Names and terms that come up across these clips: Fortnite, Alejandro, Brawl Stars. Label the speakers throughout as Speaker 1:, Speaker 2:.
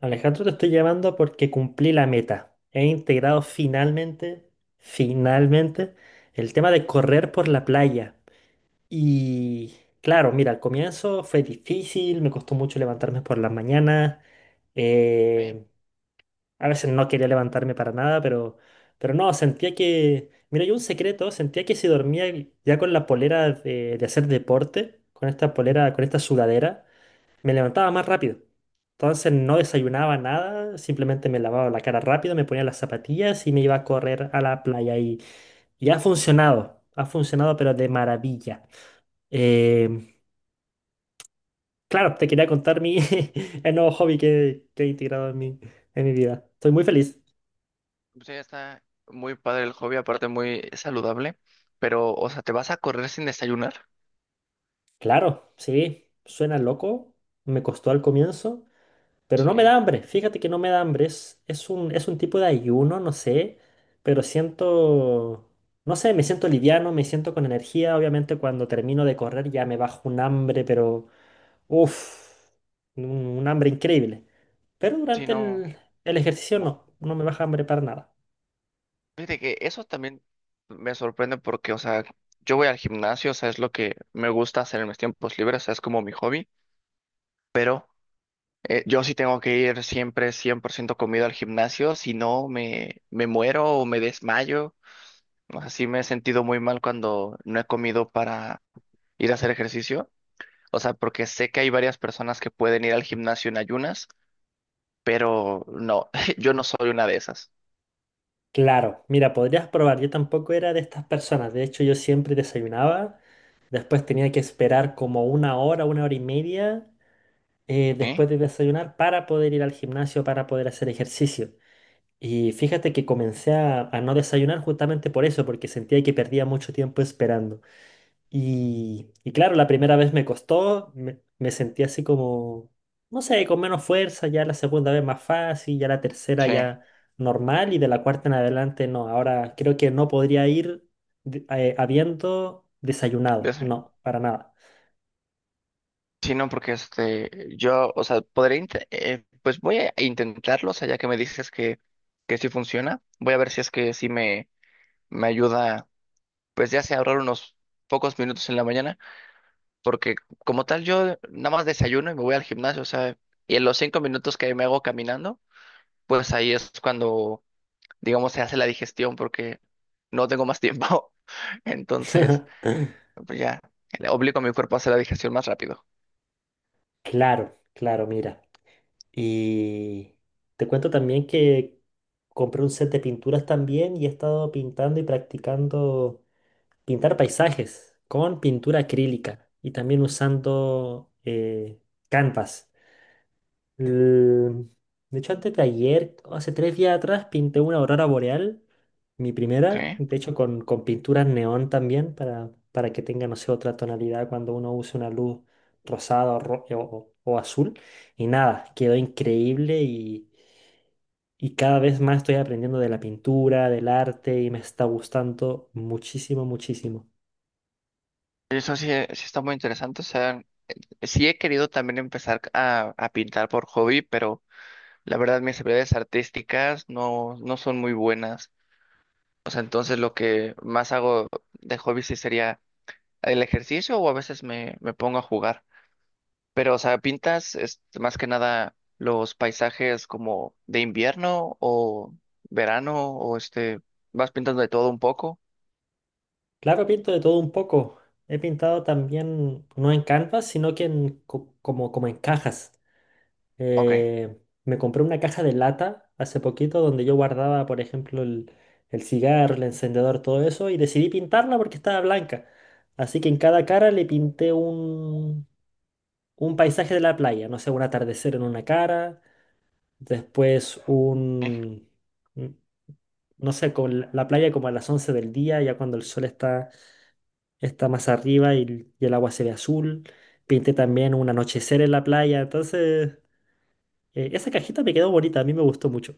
Speaker 1: Alejandro, te estoy llamando porque cumplí la meta. He integrado finalmente, el tema de correr por la playa. Y claro, mira, al comienzo fue difícil, me costó mucho levantarme por las mañanas.
Speaker 2: Ok,
Speaker 1: eh, a veces no quería levantarme para nada, pero no, sentía que, mira, yo un secreto, sentía que si dormía ya con la polera de hacer deporte, con esta polera, con esta sudadera. Me levantaba
Speaker 2: ok.
Speaker 1: más rápido. Entonces no desayunaba nada, simplemente me lavaba la cara rápido, me ponía las zapatillas y me iba a correr a la playa. Y ha funcionado pero de maravilla. Eh, claro, te quería contar mi, el nuevo hobby que he integrado en en mi vida. Estoy muy feliz.
Speaker 2: Pues ya está muy padre el hobby, aparte muy saludable. Pero, o sea, ¿te vas a correr sin desayunar?
Speaker 1: Claro, sí, suena loco, me costó al comienzo. Pero no me
Speaker 2: Sí,
Speaker 1: da hambre, fíjate que no me da hambre, es un tipo de ayuno, no sé, pero siento, no sé, me siento liviano, me siento con energía, obviamente cuando termino de correr ya me bajo un hambre, pero uff, un, un hambre increíble. Pero
Speaker 2: sí,
Speaker 1: durante
Speaker 2: no.
Speaker 1: el ejercicio
Speaker 2: mo-
Speaker 1: no, no me baja hambre para nada.
Speaker 2: Fíjate que eso también me sorprende porque, o sea, yo voy al gimnasio, o sea, es lo que me gusta hacer en mis tiempos libres, o sea, es como mi hobby, pero yo sí tengo que ir siempre 100% comido al gimnasio, si no me, me muero o me desmayo. O sea, sí me he sentido muy mal cuando no he comido para ir a hacer ejercicio. O sea, porque sé que hay varias personas que pueden ir al gimnasio en ayunas, pero no, yo no soy una de esas.
Speaker 1: Claro, mira, podrías probar, yo tampoco era de estas personas, de hecho yo siempre desayunaba, después tenía que esperar como una hora y media.
Speaker 2: ¿Sí?
Speaker 1: Después de desayunar para poder ir al gimnasio, para poder hacer ejercicio. Y fíjate que comencé a no desayunar justamente por eso, porque sentía que perdía mucho tiempo esperando. Y claro, la primera vez me costó, me sentí así como, no sé, con menos fuerza, ya la segunda vez más fácil, ya la tercera
Speaker 2: Sí.
Speaker 1: ya normal y de la cuarta en adelante no. Ahora creo que no podría ir habiendo
Speaker 2: de
Speaker 1: desayunado,
Speaker 2: eso-
Speaker 1: no, para nada.
Speaker 2: Sí, no, porque este, yo, o sea, pues voy a intentarlo, o sea, ya que me dices que sí funciona, voy a ver si es que sí me ayuda, pues ya sea ahorrar unos pocos minutos en la mañana, porque como tal yo nada más desayuno y me voy al gimnasio, o sea, y en los 5 minutos que me hago caminando, pues ahí es cuando digamos, se hace la digestión porque no tengo más tiempo. Entonces, pues ya, le obligo a mi cuerpo a hacer la digestión más rápido.
Speaker 1: Claro, claro, mira. Y te cuento también que compré un set de pinturas también y he estado pintando y practicando pintar paisajes con pintura acrílica y también usando canvas. El- De hecho, antes de ayer, hace 3 días atrás, pinté una aurora boreal, mi primera,
Speaker 2: Ok.
Speaker 1: de hecho con pinturas neón también, para que tenga, no sé, otra tonalidad cuando uno use una luz rosada o azul. Y nada, quedó increíble y cada vez más estoy aprendiendo de la pintura, del arte y me está gustando muchísimo, muchísimo.
Speaker 2: Eso sí, sí está muy interesante. O sea, sí he querido también empezar a pintar por hobby, pero la verdad mis habilidades artísticas no, no son muy buenas. O sea, entonces lo que más hago de hobby sí sería el ejercicio o a veces me, me pongo a jugar. Pero, o sea, ¿pintas este, más que nada los paisajes como de invierno o verano o este, vas pintando de todo un poco?
Speaker 1: Claro, pinto de todo un poco. He pintado también, no en canvas, sino que como en cajas.
Speaker 2: Ok.
Speaker 1: Eh, Me compré una caja de lata hace poquito donde yo guardaba, por ejemplo, el cigarro, el encendedor, todo eso, y decidí pintarla porque estaba blanca. Así que en cada cara le pinté un paisaje de la playa, no sé, un atardecer en una cara, después
Speaker 2: Sí.
Speaker 1: un, un- no sé, con la playa como a las 11 del día, ya cuando el sol está más arriba y el agua se ve azul. Pinté también un anochecer en la playa, entonces esa cajita me quedó bonita, a mí me gustó mucho.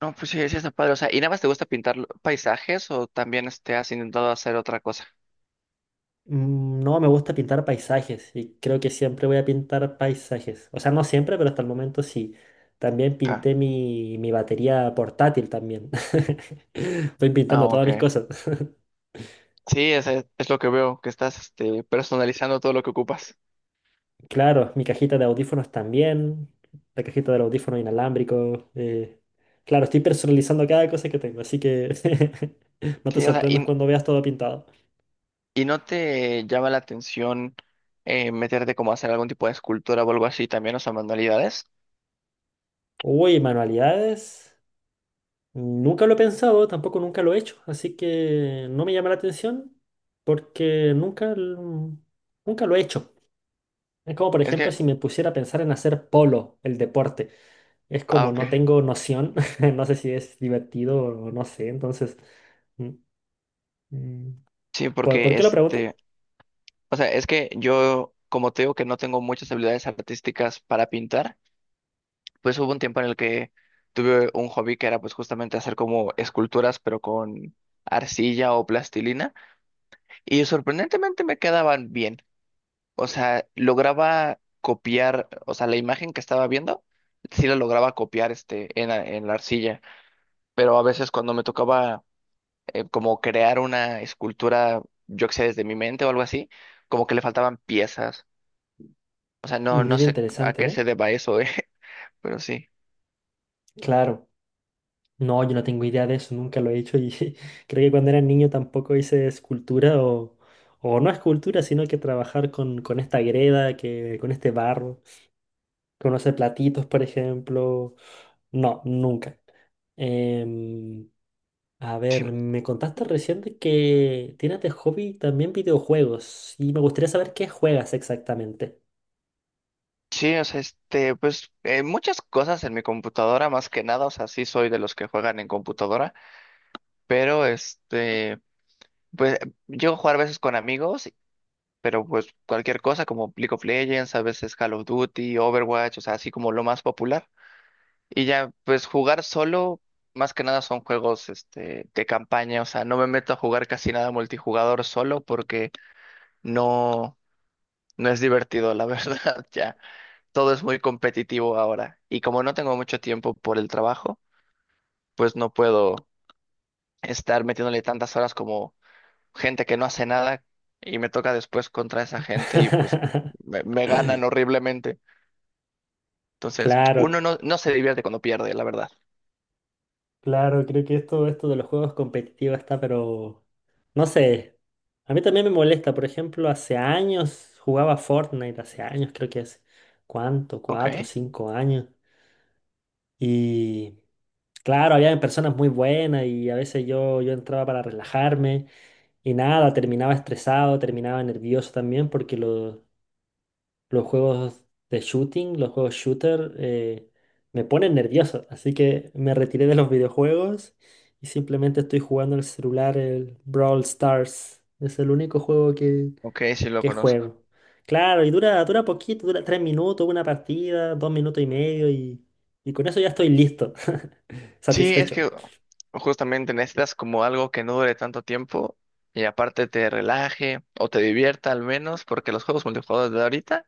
Speaker 2: No, pues sí, sí está padre. O sea, ¿y nada más te gusta pintar paisajes o también este, has intentado hacer otra cosa?
Speaker 1: No, me gusta pintar paisajes y creo que siempre voy a pintar paisajes. O sea, no siempre, pero hasta el momento sí. También
Speaker 2: Ajá.
Speaker 1: pinté mi batería portátil también. Estoy
Speaker 2: Ah,
Speaker 1: pintando todas mis
Speaker 2: ok.
Speaker 1: cosas.
Speaker 2: Sí, es, es lo que veo, que estás este, personalizando todo lo que ocupas.
Speaker 1: Claro, mi cajita de audífonos también, la cajita del audífono inalámbrico. Claro, estoy personalizando cada cosa que tengo, así que no te
Speaker 2: Sí, o sea,
Speaker 1: sorprendas cuando veas todo pintado.
Speaker 2: y no te llama la atención meterte como a hacer algún tipo de escultura o algo así también, o sea, manualidades?
Speaker 1: Uy, manualidades. Nunca lo he pensado, tampoco nunca lo he hecho, así que no me llama la atención porque nunca lo he hecho. Es como, por
Speaker 2: Es
Speaker 1: ejemplo,
Speaker 2: que,
Speaker 1: si me pusiera a pensar en hacer polo, el deporte. Es
Speaker 2: ah,
Speaker 1: como no
Speaker 2: ok.
Speaker 1: tengo noción, no sé si es divertido o no sé, entonces mm, mm,
Speaker 2: Sí,
Speaker 1: ¿por
Speaker 2: porque
Speaker 1: qué lo pregunta?
Speaker 2: este, o sea, es que yo, como te digo que no tengo muchas habilidades artísticas para pintar, pues hubo un tiempo en el que tuve un hobby que era pues justamente hacer como esculturas, pero con arcilla o plastilina, y sorprendentemente me quedaban bien. O sea, lograba copiar, o sea, la imagen que estaba viendo, sí la lograba copiar este en, en la arcilla, pero a veces cuando me tocaba como crear una escultura, yo que sé, desde mi mente o algo así, como que le faltaban piezas. O sea, no, no
Speaker 1: Mira,
Speaker 2: sé a
Speaker 1: interesante,
Speaker 2: qué
Speaker 1: ¿eh?
Speaker 2: se deba eso, pero sí.
Speaker 1: Claro. No, yo no tengo idea de eso, nunca lo he hecho y creo que cuando era niño tampoco hice escultura o no escultura, sino que trabajar con esta greda, que, con este barro, con hacer platitos, por ejemplo. No, nunca. Em, a ver, me contaste recién de que tienes de hobby también videojuegos y me gustaría saber qué juegas exactamente.
Speaker 2: Sí, o sea, este, pues muchas cosas en mi computadora, más que nada, o sea, sí soy de los que juegan en computadora, pero este, pues llego a jugar a veces con amigos, pero pues cualquier cosa como League of Legends, a veces Call of Duty, Overwatch, o sea, así como lo más popular. Y ya, pues jugar solo, más que nada son juegos este, de campaña, o sea, no me meto a jugar casi nada multijugador solo porque no, no es divertido, la verdad, ya. Todo es muy competitivo ahora. Y como no tengo mucho tiempo por el trabajo, pues no puedo estar metiéndole tantas horas como gente que no hace nada y me toca después contra esa gente y pues me ganan horriblemente. Entonces,
Speaker 1: Claro.
Speaker 2: uno no, no se divierte cuando pierde, la verdad.
Speaker 1: Claro, creo que esto de los juegos competitivos está, pero no sé. A mí también me molesta. Por ejemplo, hace años jugaba Fortnite, hace años, creo que hace, ¿cuánto?
Speaker 2: Ok,
Speaker 1: 4, 5 años. Y claro, había personas muy buenas y a veces yo entraba para relajarme y nada, terminaba estresado, terminaba nervioso también porque los juegos de shooting, los juegos shooter, me ponen nervioso. Así que me retiré de los videojuegos y simplemente estoy jugando en el celular el Brawl Stars. Es el único juego
Speaker 2: ok, sí lo
Speaker 1: que
Speaker 2: conozco.
Speaker 1: juego. Claro, y dura, dura poquito, dura 3 minutos, una partida, 2 minutos y medio y con eso ya estoy listo,
Speaker 2: Sí, es
Speaker 1: satisfecho.
Speaker 2: que justamente necesitas como algo que no dure tanto tiempo y aparte te relaje o te divierta al menos, porque los juegos multijugadores de ahorita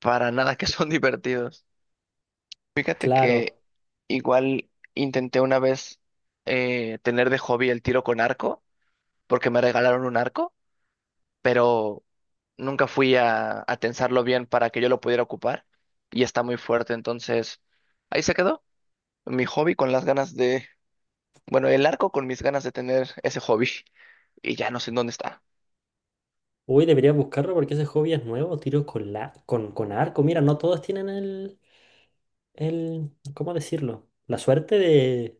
Speaker 2: para nada que son divertidos. Fíjate
Speaker 1: Claro.
Speaker 2: que igual intenté una vez tener de hobby el tiro con arco, porque me regalaron un arco, pero nunca fui a tensarlo bien para que yo lo pudiera ocupar y está muy fuerte, entonces ahí se quedó mi hobby con las ganas de Bueno, el arco con mis ganas de tener ese hobby y ya no sé en dónde está.
Speaker 1: Uy, debería buscarlo porque ese hobby es nuevo, tiro con arco. Mira, no todos tienen el, ¿cómo decirlo? La suerte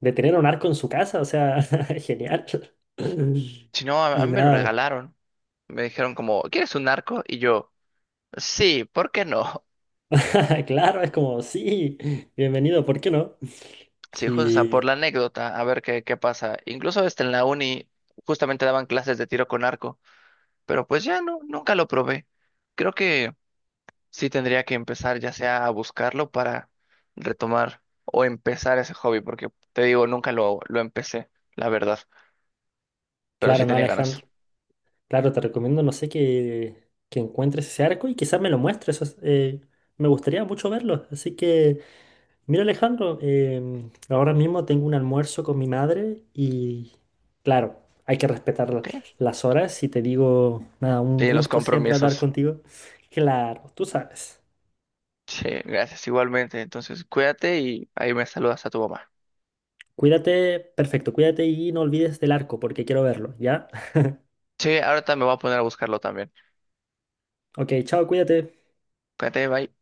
Speaker 1: de tener un arco en su casa, o sea, genial.
Speaker 2: Si no, a
Speaker 1: Y
Speaker 2: mí me lo
Speaker 1: nada,
Speaker 2: regalaron. Me dijeron como, ¿quieres un arco? Y yo, sí, ¿por qué no?
Speaker 1: claro, es como, sí, bienvenido, ¿por qué no?
Speaker 2: Sí, justo, o sea, por
Speaker 1: Y
Speaker 2: la anécdota, a ver qué, qué pasa. Incluso hasta en la uni justamente daban clases de tiro con arco, pero pues ya no, nunca lo probé. Creo que sí tendría que empezar ya sea a buscarlo para retomar o empezar ese hobby, porque te digo, nunca lo empecé, la verdad, pero
Speaker 1: claro,
Speaker 2: sí
Speaker 1: no,
Speaker 2: tenía ganas.
Speaker 1: Alejandro, claro, te recomiendo, no sé, que encuentres ese arco y quizás me lo muestres, me gustaría mucho verlo. Así que, mira, Alejandro, ahora mismo tengo un almuerzo con mi madre y, claro, hay que respetar
Speaker 2: ¿Ok?
Speaker 1: las horas y te digo, nada, un
Speaker 2: Sí, los
Speaker 1: gusto siempre hablar
Speaker 2: compromisos.
Speaker 1: contigo. Claro, tú sabes.
Speaker 2: Sí, gracias, igualmente. Entonces, cuídate y ahí me saludas a tu mamá.
Speaker 1: Cuídate, perfecto, cuídate y no olvides del arco porque quiero verlo, ¿ya?
Speaker 2: Sí, ahorita me voy a poner a buscarlo también.
Speaker 1: Ok, chao, cuídate.
Speaker 2: Cuídate, bye.